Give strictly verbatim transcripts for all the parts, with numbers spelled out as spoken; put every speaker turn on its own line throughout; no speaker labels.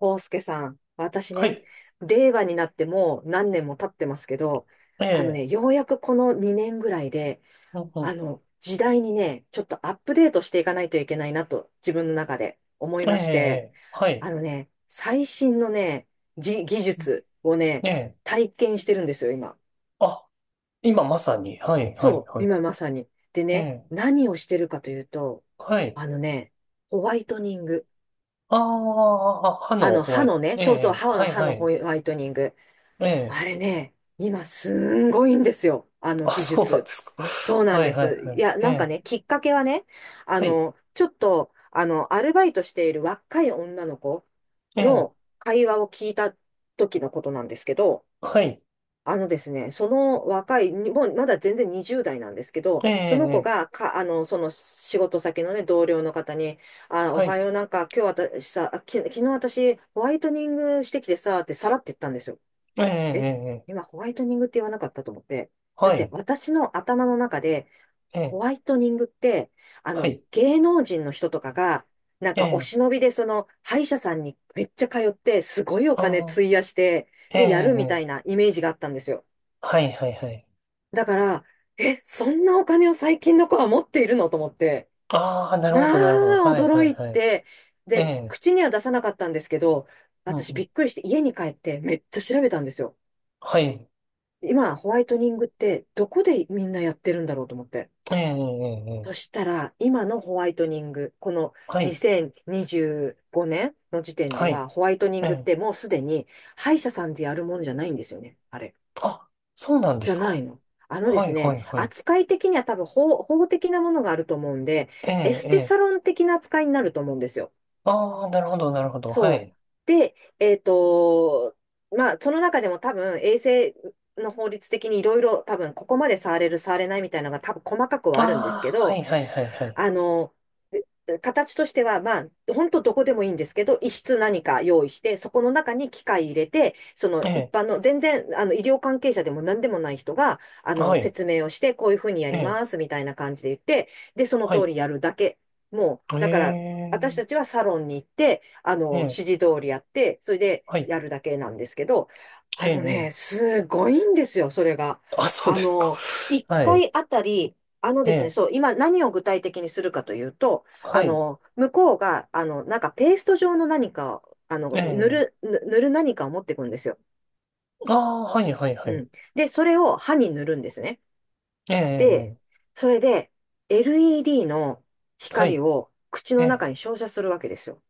康介さん、私
は
ね、
い。
令和になってもう何年も経ってますけど、
え
あの
え、
ね、ようやくこのにねんぐらいで、
うんう
あ
ん。
の、時代にね、ちょっとアップデートしていかないといけないなと、自分の中で思い
え
まして、
え、はい。
あのね、最新のね、じ技術を
え
ね、
え、
体験してるんですよ、今。
あ、今まさに。はい、はい、
そう、
はい。
今まさに。で
え
ね、
え、
何をしてるかというと、
はい。
あのね、ホワイトニング。
ああ、歯
あ
の
の、
ホワ
歯
イト。
のね、
え
そうそう、
え、
歯の、
はい、
歯
は
のホ
い。
ワイトニング。
ええ、
あれね、今すんごいんですよ。あの
あ、
技
そうなんで
術。
すか。
そ うなん
は
で
い、はい、
す。
は
い
い。
や、
え
なんか
え、
ね、きっかけはね、あ
はい。
の、ちょっと、あの、アルバイトしている若い女の子
ええ、
の会話を聞いた時のことなんですけど、
はい。
あのですね、その若い、にもうまだ全然にじゅう代なんですけど、
え
その子
え、
がか、あの、その仕事先のね、同僚の方に、あ、お
は
は
い。
よう、なんか今日私さ、あき、昨日私ホワイトニングしてきてさ、ってさらって言ったんですよ。
ええ、
え、
ええ
今ホワイトニングって言わなかったと思って。だっ
は
て
い。
私の頭の中で、
え
ホ
え、
ワイトニングって、あ
は
の、
い。
芸能人の人とかが、なん
え
かお
え、
忍びでその歯医者さんにめっちゃ通って、すごいお金
ああ、
費やして、
え
で、やるみたい
え、
なイメージがあったんですよ。
はい、はい、はい。
だから、え、そんなお金を最近の子は持っているのと思って、
ああ、なるほ
ま
ど、なるほど。
あ、
はい、は
驚
い、
い
はい。
て、
え
で、
え、
口には出さなかったんですけど、
うん
私
う
び
ん。
っくりして家に帰ってめっちゃ調べたんですよ。
はい。
今、ホワイトニングってどこでみんなやってるんだろうと思って。
ええ、ええ、え
そし
え
たら、今のホワイトニング、この
はい、
にせんにじゅうごねんの時点で
はい、
は、ホワイトニン
え
グっ
え。
てもうすでに歯医者さんでやるもんじゃないんですよね。あれ。
あ、そうなんで
じゃ
す
な
か。
いの。あので
は
す
い、は
ね、
い、はい。
扱い的には多分法、法的なものがあると思うんで、
え
エ
え、
ス
え
テ
え。
サロン的な扱いになると思うんですよ。
ああ、なるほど、なるほど、は
そう。
い。
で、えっと、まあ、その中でも多分、衛星の法律的にいろいろ多分、ここまで触れる、触れないみたいなのが多分、細かくはあるんですけ
ああ、は
ど、
い、はい、はい、はい。
あの、形としては、まあ、本当どこでもいいんですけど、一室何か用意して、そこの中に機械入れて、そ
え
の一
え、
般の、全然、あの、医療関係者でも何でもない人が、あ
は
の、
い、
説明をして、こういうふうにや
え
り
え、
ます、みたいな感じで言って、で、その
は
通
い。
りやるだけ。もう、
え
だから、私たち
え、
はサロンに行って、あ
え
の、指
え、
示通りやって、それで
はい、
やるだけなんですけど、
え
あ
え、
の
え
ね、
え。
すごいんですよ、それが。
あ、そう
あ
ですか。
の、1
はい、
回あたり、あの
え
ですね、
え、
そう、今何を具体的にするかというと、
は
あ
い、
の、向こうが、あの、なんかペースト状の何かを、あ
え
の、塗る、
え。
ぬ塗る何かを持ってくるんですよ。
ああ、はい、はい、は
う
い。
ん。で、それを歯に塗るんですね。
ええ、
で、
え
それで エルイーディー の
え、は
光
い、
を口
え
の中
え、
に照射するわけですよ。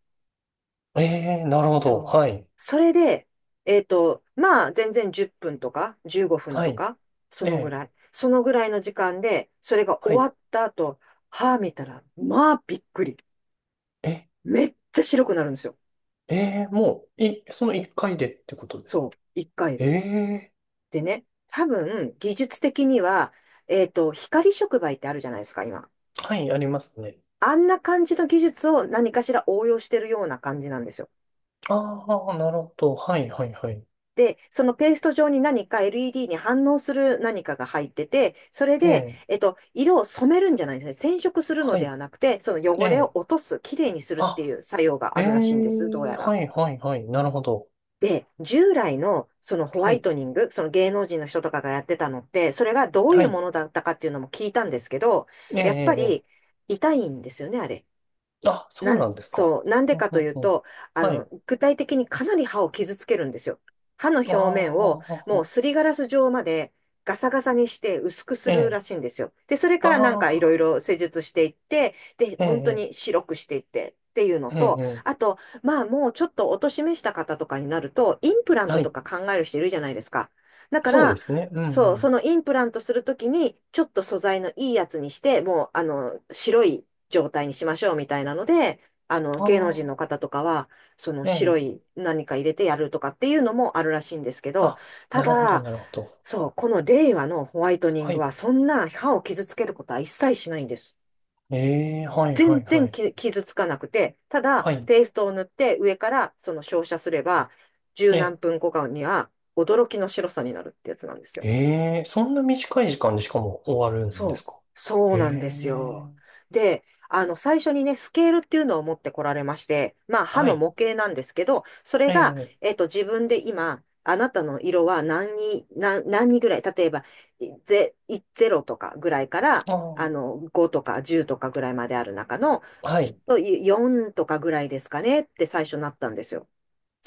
ええ、なるほど、
そう。
はい、
それで、えっと、まあ、全然じゅっぷんとかじゅうごふん
は
と
い、
か、そ
え
のぐ
え、
らい。そのぐらいの時間で、それが
は
終
い、
わった後、歯見たら、まあ、びっくり。
ええ
めっちゃ白くなるんですよ。
ええもう、い、そのいっかいでってことですか。
そう、一回
え
で。
え
でね、多分、技術的には、えっと、光触媒ってあるじゃないですか、今。
はい、ありますね。
あんな感じの技術を何かしら応用してるような感じなんですよ。
ああ、なるほど。はい、はい、はい。
で、そのペースト状に何か エルイーディー に反応する何かが入ってて、それで、
ええ
えっと、色を染めるんじゃないんですね。染色するので
は
はなくて、その
い、え
汚れを
え
落とす、きれいにするって
あ、
いう作用が
え
あるらしいんです、どう
え
や
は
ら。
い、はい、はい、なるほど。
で、従来のそのホ
は
ワイ
い、
トニング、その芸能人の人とかがやってたのって、それがどうい
は
う
い、
ものだったかっていうのも聞いたんですけど、
えええ
やっぱ
ええ
り
え
痛いんですよね、あれ。
あ、そ
な
うな
ん、
んですか。
そう、なんで
うん
か
う
とい
ん
う
うん
と、あ
はい、
の、具体的にかなり歯を傷つけるんですよ。歯の
あ
表面をもう
あ、
すりガラス状までガサガサにして薄くす
え
る
え
らしいんですよ。で、それ
あ
からなんかいろい
あ、
ろ施術していって、で、本当
ええ
に白くしていってっていうの
え
と、
え
あ
え
と、まあもうちょっとお年めした方とかになると、インプラン
えは
トと
い、
か考える人いるじゃないですか。だか
そうで
ら、
すね。うん、う
そう、そ
ん。
のインプラントするときに、ちょっと素材のいいやつにして、もう、あの、白い状態にしましょうみたいなので、あの、
あ
芸能人の
あ、
方とかは、その
え
白
え
い何か入れてやるとかっていうのもあるらしいんですけど、
あ、
た
なるほど、
だ、
なるほど。
そう、この令和のホワイトニン
は
グ
い。
は、そんな歯を傷つけることは一切しないんです。
ええ、はい、は
全
い、は
然
い。
き傷つかなくて、た
は
だ、
い。
ペーストを塗って上からその照射すれば、十何
え、
分後かには驚きの白さになるってやつなんですよ。
ええ、そんな短い時間でしかも終わるんです
そ
か。
う、そ
え
うなんですよ。
え、
で、あの、最初にね、スケールっていうのを持ってこられまして、まあ、歯
は
の
い。
模型なんですけど、そ
え
れが、
え、
えっと、自分で今、あなたの色は何に、何、何にぐらい、例えば、いゼ、いゼロとかぐらいから、
あ
あ
ー
の、ごとかじゅうとかぐらいまである中の、
は
きっ
い。
とよんとかぐらいですかねって最初なったんですよ。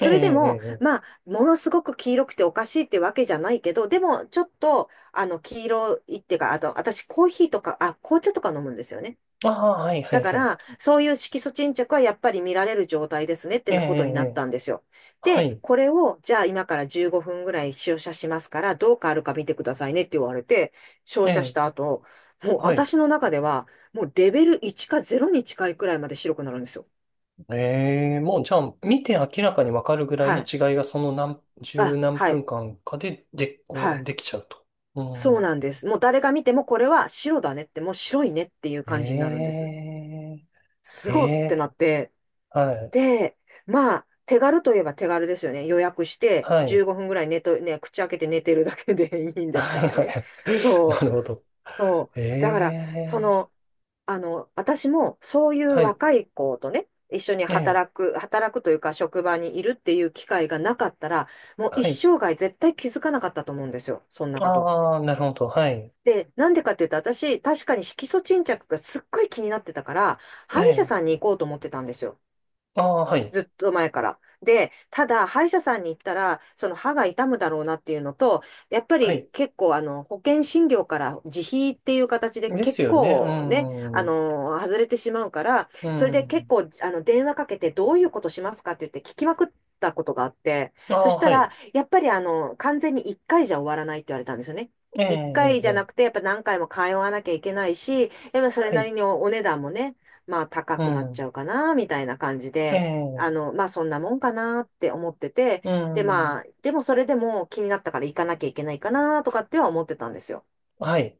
ええ、
れでも、
ええ、
まあ、ものすごく黄色くておかしいってわけじゃないけど、でも、ちょっと、あの、黄色いっていうか、あと、私、コーヒーとか、あ、紅茶とか飲むんですよね。
ああー、はい、は
だ
い、
か
はい。
ら、そういう色素沈着はやっぱり見られる状態ですねって
ええ、
ことに
え
なっ
え、
たんですよ。
は
で、
い。
これを、じゃあ今からじゅうごふんぐらい照射しますから、どう変わるか見てくださいねって言われて、照
え
射し
え、
た後、もう
はい。
私の中では、もうレベルいちかゼロに近いくらいまで白くなるんですよ。
ええ、もうじゃあ、見て明らかにわかるぐらい
は
の
い。
違いがその何、十
あ、
何
は
分
い。
間かで、で、
は
こう
い。
できちゃうと。う
そう
ん。
なんです。もう誰が見てもこれは白だねって、もう白いねっていう感じになるんで
え
す。す
え、え
ごってな
え、
って。
はい、
で、まあ、手軽といえば手軽ですよね。予約して
はい、
じゅうごふんぐらい寝と、ね、口開けて寝てるだけで いいんです
は
か
い、
ら
はい。
ね。
な
そう、
るほど。
そう。だから、
え
そ
え
の、あの、私もそういう
はい。
若い子とね、一緒に
ええ
働く、働くというか職場にいるっていう機会がなかったら、もう一
はい。
生涯絶対気づかなかったと思うんですよ。そんなこと。
ああ、なるほど。はい。
で、なんでかっていうと、私、確かに色素沈着がすっごい気になってたから、
え
歯医者
え
さんに行こうと思ってたんですよ。
ああ、はい。
ずっと前から。で、ただ、歯医者さんに行ったら、その歯が痛むだろうなっていうのと、やっぱ
は
り
い。
結構、あの、保険診療から自費っていう形で
です
結
よね。う
構ね、あ
ん。
の、外れてしまうから、
う
それで結
ん。
構、あの、電話かけてどういうことしますかって言って聞きまくったことがあって、
あ
そ
あ、
した
はい。
ら、やっぱりあの、完全にいっかいじゃ終わらないって言われたんですよね。
ええ
1
え
回
え
じゃな
え
く
え
て、やっぱ何回も通わなきゃいけないし、やっぱそれ
は
な
い。
りにおお値段もね、まあ高
う
くなっち
ん。
ゃうかな、みたいな感じで、あ
ええ
の、まあそんなもんかなって思ってて、
う
でま
ん。
あ、でもそれでも気になったから行かなきゃいけないかなとかっては思ってたんですよ。
はい。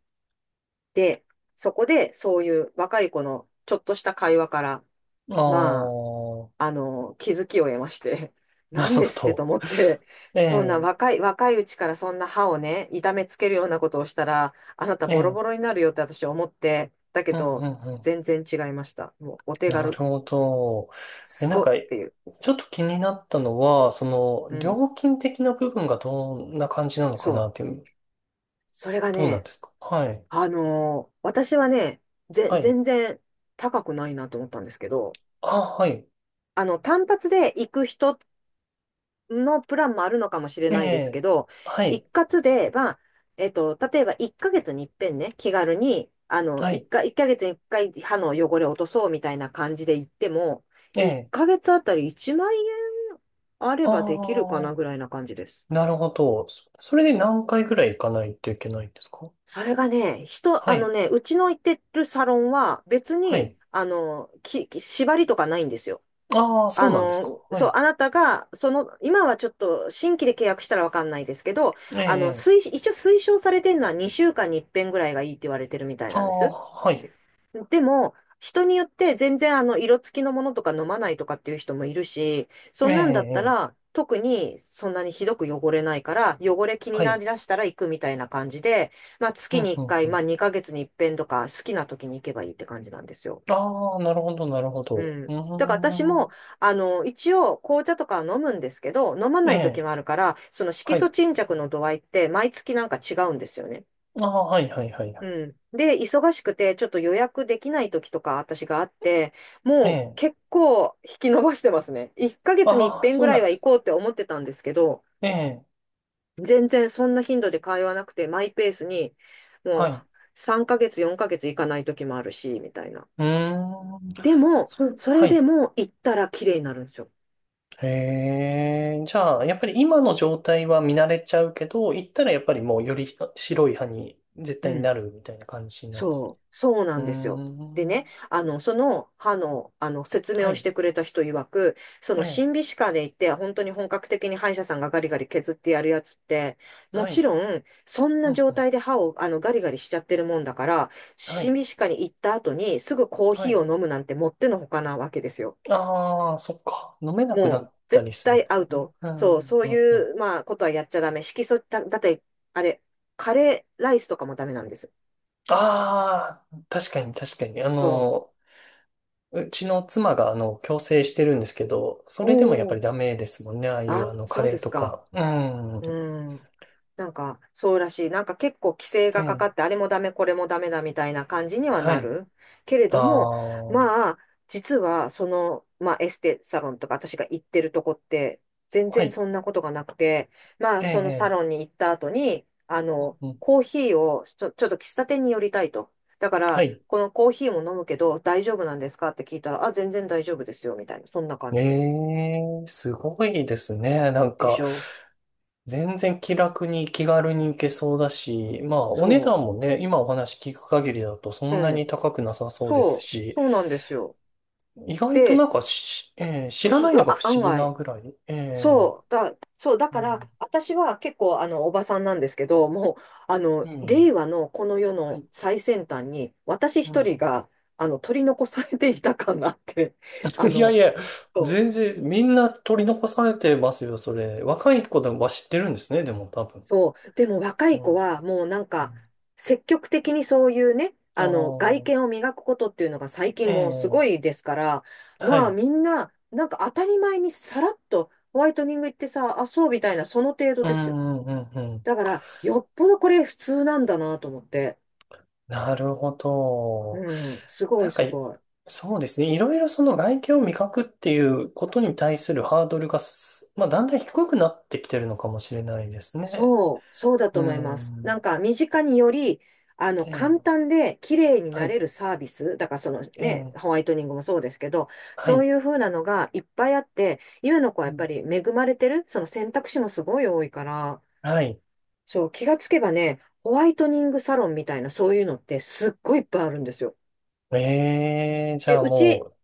で、そこでそういう若い子のちょっとした会話から、
あ
ま
あ、
あ、あの、気づきを得まして、
な
なん
るほ
ですってと
ど。
思って、
え
そんな
え
若い、若いうちからそんな歯をね、痛めつけるようなことをしたら、あなたボロ
え
ボロ
え
になるよって私思って、だけ
うん、う
ど、
ん、うん。
全然違いました。もうお手
なる
軽、
ほど。え、
す
なん
ご
か、
っていう。
ちょっと気になったのは、そ
う
の
ん、
料金的な部分がどんな感じなのか
そ
なって
う。
いう。
それが
どうなん
ね、
ですか。はい。
あのー私はね、ぜ、
はい。
全然高くないなと思ったんですけど、
あ、はい。
あの、単発で行く人のプランもあるのかもしれ
え
ないですけ
え。
ど、
はい。
一括で、まあ、えっと、例えばいっかげつに一遍ね、気軽に、あの、
は
1
い。
か、一ヶ月にいっかい歯の汚れを落とそうみたいな感じで行っても、
え
1
え。
ヶ月あたりいちまん円あればできるか
あ
な
あ、
ぐらいな感じです。
なるほど。そそれで何回ぐらい行かないといけないんですか。
それがね、人、
は
あの
い。
ね、うちの行ってるサロンは別
は
に、
い。
あの、き、き縛りとかないんですよ。
ああ、そ
あ
うなんですか。
の、
は
そう、
い。
あなたが、その、今はちょっと新規で契約したらわかんないですけど、
え
あの、
え。
推、一応推奨されてるのはにしゅうかんに一遍ぐらいがいいって言われてるみたい
あ
なんで
あ、
す。
はい。
でも、人によって全然あの、色付きのものとか飲まないとかっていう人もいるし、
え
そんなんだった
え。
ら、特にそんなにひどく汚れないから、汚れ気に
は
な
い。
りだしたら行くみたいな感じで、まあ
う
月に
ん、う
1
ん、
回、
う
まあ
ん。
にかげつに一遍とか、好きな時に行けばいいって感じなんですよ。
ああ、なるほど、なるほ
う
ど。う
ん。だから私
ーん。
も、あの、一応紅茶とかは飲むんですけど、飲ま
え
ない時
え。
もあるから、その
は
色
い。
素沈着の度合いって毎月なんか違うんですよね。
ああ、はい、はい、はい、は
う
い。
ん。で、忙しくて、ちょっと予約できない時とか私があって、
え
もう
え。
結構引き延ばしてますね。いっかげつに一
ああ、
遍
そ
ぐ
う
ら
な
い
ん
は
で
行
すか。
こうって思ってたんですけど、
ええ。
全然そんな頻度で通わなくて、マイペースに、
は
もう
い。
さんかげつ、よんかげつ行かない時もあるし、みたいな。
うーん。
でも、
それ、
そ
は
れで
い。
も行ったら綺麗になるんですよ。
へえ、じゃあ、やっぱり今の状態は見慣れちゃうけど、行ったらやっぱりもうより白い歯に絶
う
対に
ん。
なるみたいな感じなんですね。
そう、そうな
うー
んですよ。で
ん。
ね、あの、その歯の、あの、説明
は
をし
い。
てくれた人曰く、その
ええ。
審美歯科で行って、本当に本格的に歯医者さんがガリガリ削ってやるやつって、も
は
ち
い。
ろん、そん
う
な
ん
状
うん。
態で歯を、あの、ガリガリしちゃってるもんだから、
はい。
審美歯科に行った後に、すぐコー
は
ヒーを
い。
飲むなんてもってのほかなわけですよ。
ああ、そっか。飲めなく
も
な
う、
った
絶
りするんで
対ア
す
ウ
ね。
ト。
う
そう、
ん。
そう
うんうん。あ
いう、まあ、ことはやっちゃダメ。色素、だ、だって、あれ、カレーライスとかもダメなんです。
あ、確かに確かに。あ
そ
の、うちの妻があの、矯正してるんですけど、そ
う。
れでもやっぱ
おー。
りダメですもんね。ああい
あ
う
あ、
あの、カ
そう
レ
で
ー
す
と
か。
か。うん。
うん。なんか、そうらしい。なんか結構規制
え
がかかって、
え。
あれもダメ、これもダメだみたいな感じには
は
な
い。
る。けれ
あ
ども、
あ、は
まあ、実は、その、まあ、エステサロンとか私が行ってるとこって、全然
い。
そんなことがなくて、ま
え
あ、そのサ
え、え
ロン
え
に行った後に、あ
うん
の、
うん
コーヒーをちょ、ちょっと喫茶店に寄りたいと。だか
は
ら、
い。
このコーヒーも飲むけど、大丈夫なんですかって聞いたら、あ、全然大丈夫ですよ、みたいな、そんな感じです。
ええ、すごいですね。なん
で
か、
しょ。
全然気楽に気軽に行けそうだし、まあ、お
そ
値段もね、今お話聞く限りだとそ
う。
んな
う
に
ん。
高くなさそうで
そ
す
う、
し、
そうなんですよ。
意外とな
で、
んかし、ええ、知ら
す、
ないのが不
あ、案
思議な
外、
ぐらい。ええ、
そう、だ、そう、だ
う
か
ん、
ら、私は結構、あの、おばさんなんですけど、もう、あ
う
の、
ん
令和のこの世
は
の
い、
最先端に、私
う
一
ん。
人が、あの、取り残されていた感があって、あ
いや
の、
いや、
そう
全然、みんな取り残されてますよ、それ。若い子でもは知ってるんですね、でも多分。
そう。でも若
う
い
ん
子はもうなん
う
か
ん
積極的にそういうね、
あ
あの外
あ、
見を磨くことっていうのが最
え
近もうす
え、
ごいですから、
は
まあ
い。
みんななんか当たり前にさらっとホワイトニング行ってさ、あ、そうみたいなその程度
う
ですよ。
んうんうんうん。
だからよっぽどこれ普通なんだなと思って。
なるほど。
うん、すご
な
い
んか、
すごい。
そうですね。いろいろその外見を味覚っていうことに対するハードルがす、まあ、だんだん低くなってきてるのかもしれないですね。
そう、そうだと
う
思います。なん
ん。
か、身近により、あの、
え
簡
え、
単で綺麗に
は
なれ
い。
るサービス、だからその
え
ね、
え、
ホワイトニングもそうですけど、
は
そう
い。
いう風なのがいっぱいあって、今の子は
う
やっぱ
ん、
り恵まれてる、その選択肢もすごい多いから、
はい。
そう、気がつけばね、ホワイトニングサロンみたいなそういうのってすっごいいっぱいあるんですよ。
ええ、じゃ
で、
あ
う
も
ち、
う、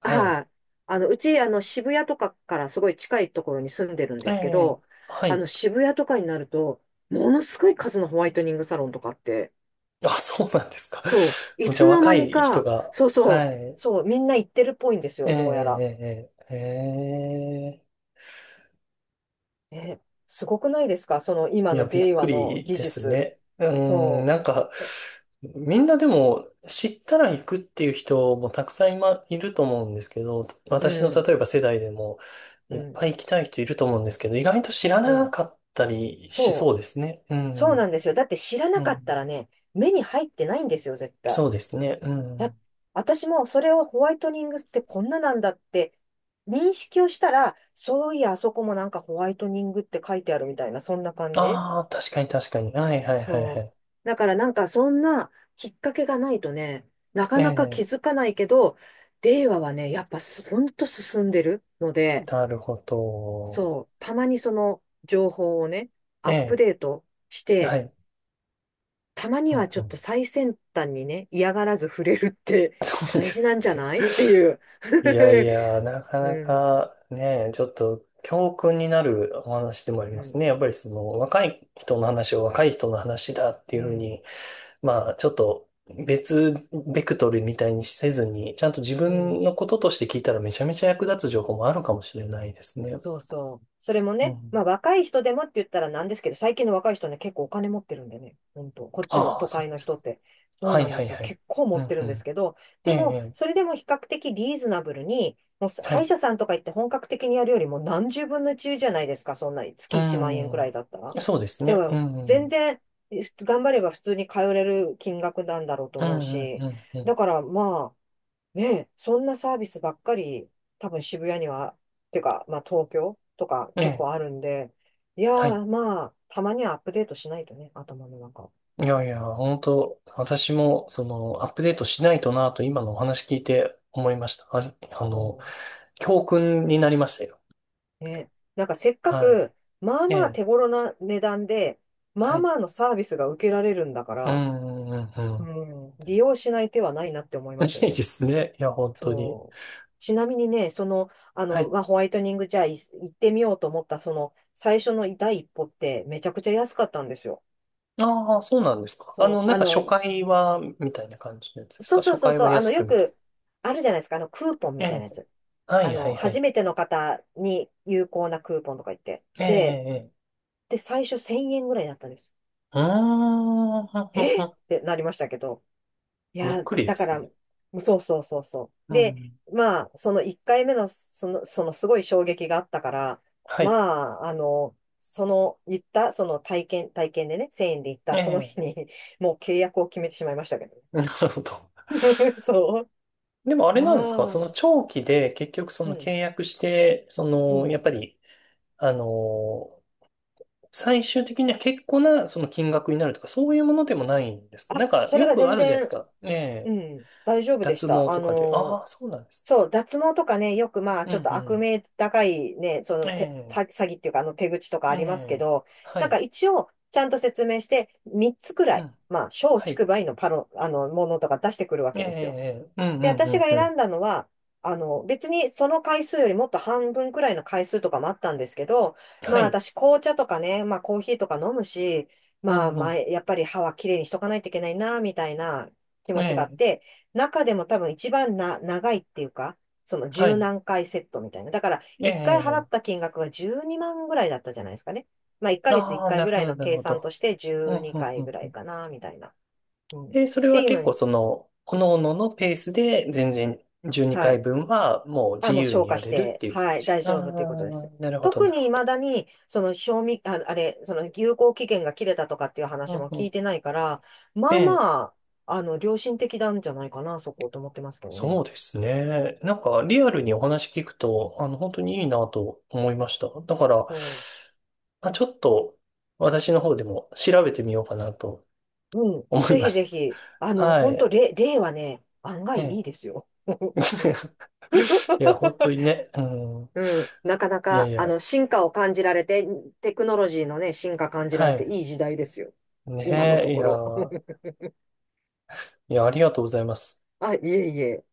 はい。
はい。あの、うち、あの、渋谷とかからすごい近いところに住んでるんで
え
すけど、
え、は
あの、
い。
渋谷とかになると、ものすごい数のホワイトニングサロンとかあって、
あ、そうなんですか。
そう、い
じゃ
つ
あ
の
若
間に
い人
か、
が、
そう
は
そう、
い。
そう、みんな行ってるっぽいんです
え
よ、どうやら。
え、ええ、ええ
え、すごくないですかその今
いや、
の
びっ
令
く
和の
り
技
です
術。
ね。うーん、
そ
なんか、
う。
みんなでも知ったら行くっていう人もたくさん今いると思うんですけど、
う
私の
ん、
例えば世代でも
う
いっ
ん、
ぱい行きたい人いると思うんですけど、意外と知ら
う
な
ん。
かったりしそ
そ
う
う、
ですね。う
そうなん
ん、
ですよ。だって知らな
う
かった
ん、
らね、目に入ってないんですよ、絶対。
そうですね。う
だ、
ん。
私もそれをホワイトニングってこんななんだって認識をしたら、そういや、あそこもなんかホワイトニングって書いてあるみたいな、そんな感じ。
ああ、確かに確かに。はいはいはいは
そう。
い。
だからなんかそんなきっかけがないとね、なか
え
なか気
え、
づかないけど、令和はね、やっぱすほんと進んでるので、
なるほど。
そう、たまにその情報をね、
え
アップ
え、
デートし
は
て、
い。
たま
う
に
ん
はち
う
ょっと
ん
最先端にね、嫌がらず触れるって
そうで
大事な
す
んじゃ
ね。
ないっていう。
いやいや、な か
う
な
ん、
かね、ちょっと教訓になるお話でもあり
う
ます
ん、
ね。やっぱりその若い人の話を若い人の話だって
う
いうふう
ん、
に、まあちょっと別ベクトルみたいにせずに、ちゃんと自
うん。
分のこととして聞いたらめちゃめちゃ役立つ情報もあるかもしれないですね。
そうそう。それも
う
ね、ま
ん。
あ若い人でもって言ったらなんですけど、最近の若い人ね、結構お金持ってるんでね、本当こっちの
ああ、
都
そう
会の
です
人
か。
って、そう
は
な
い
んで
はい
すよ。
はい。
結構持
う
って
ん
る
う
んです
ん。
けど、
ええ、
でも、
え
それでも比較的リーズナブルに、もう
えは
歯医
い。
者さんとか行って本格的にやるよりも何十分のいちじゃないですか、そんな
う
月いちまん円
んう
くらいだったら。
ん。そうです
だ
ね。
か
う
ら、
んう
全
ん。
然、え頑張れば普通に通れる金額なんだろうと
うん
思う
うんう
し、
んう
だ
ん。
からまあ、ねえ、そんなサービスばっかり、多分渋谷には、てか、まあ東京とか
え
結
え。
構あるんで、いや
はい
ー、まあ、たまにはアップデートしないとね、頭の中。
いやいや、本当私も、その、アップデートしないとなと、今のお話聞いて思いました。あれ、あの、
も
教訓になりましたよ。
うんね、なんかせっか
はい。
く、まあ
え
まあ手
え、
頃な値段で、ま
は
あ
い。
まあのサービスが受けられるんだか
う
ら、
ん、うん、う
う
ん。
ん、利用しない手はないなって思いますよ
いいで
ね。
すね。いや、本当に。
そう。ちなみにね、その、あ
は
の、
い。
まあ、ホワイトニングじゃあい行ってみようと思った、その、最初の第一歩ってめちゃくちゃ安かったんですよ。
ああ、そうなんですか。あ
そ
の、
う、
なん
あ
か
の、
初回は、みたいな感じのやつです
そう
か。
そう
初
そう
回
そう、
は
あ
安
の、
く
よ
みたい
くあるじゃないですか、あの、クーポン
な。
み
え
たいなや
え、
つ。
は
あ
い、は
の、
い、は
初
い。
めての方に有効なクーポンとか言って。
ええ、え
で、
え、ええ
で、最初せんえんぐらいだったんです。
うーん、うんうんう
えっっ
ん
てなりましたけど。い
びっ
や、
くりで
だか
す
ら、
ね。
そうそうそうそう。
う
で、
ん。
まあ、そのいっかいめの、その、そのすごい衝撃があったから、
は
ま
い。
あ、あの、その、言った、その体験、体験でね、せんえんで行った、
え
その日
え、
に、もう契約を決めてしまいましたけどね。
なるほど。
そう。
でもあれ
ま
なんですかそ
あ、
の長期で結局そ
う
の契
ん。
約して、そ
う
の、やっ
ん。
ぱり、あの最終的には結構なその金額になるとか、そういうものでもないんですか。なんか
それ
よ
が
くあ
全
るじゃないです
然、
か。え
う
え、
ん、大丈夫でし
脱毛
た。あ
とかで。
の
ああ、
ー、
そうなんです
そう、脱毛とかね、よくまあ、
ね。う
ちょっと
んう
悪
ん。
名高いね、そ
え
の手、
え、
詐詐欺っていうか、あの手口とか
え
ありますけ
え、
ど、
は
なんか
い。
一応、ちゃんと説明して、みっつくら
う
い、
ん、
まあ、小
はい。
竹梅のパロ、あの、ものとか出してくるわ
え
けですよ。
え、ええうんう
で、
んう
私
ん
が
う
選
ん。
んだのは、あの、別にその回数よりもっと半分くらいの回数とかもあったんですけど、ま
は
あ
い。
私紅茶とかね、まあコーヒーとか飲むし、
う
ま
ん
あ
うん。
前、やっぱり歯はきれいにしとかないといけないな、みたいな気
え
持ちがあっ
え、
て、中でも多分一番な、長いっていうか、その
は
十
い。
何回セットみたいな。だから
え
一回払
え、
った金額がじゅうにまんぐらいだったじゃないですかね。まあいっかげつ1
ああ、
回
な
ぐ
る
ら
ほ
い
ど、
の
なる
計
ほ
算と
ど。
して
うん
12
うん
回ぐら
う
い
ん。
かな、みたいな。うん。っ
で、それ
て
は
いうの
結
に、
構その、各々のペースで全然12
は
回
い。
分はもう
あ、
自
もう
由
消
に
化
や
し
れるっ
て、
ていう感
はい、
じ。
大
あ
丈夫ということで
あ、
す。
なるほど、
特
なる
に
ほど。
未だに、その賞味、あ、あれ、その有効期限が切れたとかっていう
う
話
ん
も
う
聞い
ん。
てないから、
え
まあ
え、
まあ、あの、良心的なんじゃないかな、そこと思ってますけどね。
そうですね。なんかリアルにお話聞くと、あの、本当にいいなと思いました。だから、
そ
まあ、ちょっと私の方でも調べてみようかなと
う。うん。
思い
ぜ
ま
ひぜ
し
ひ、あ
た。
の、
は
本当
い。
例、例はね、案
え
外いい
え。
ですよ。
いや、本当 にね。うん。
うん。なかな
いやい
か、あ
や。
の、進化を感じられて、テクノロジーのね、進化感じら
は
れて
い。
いい時代ですよ。今の
ね
と
え、い
こ
や
ろ。
ー。いや、ありがとうございます。
あ、いえいえ。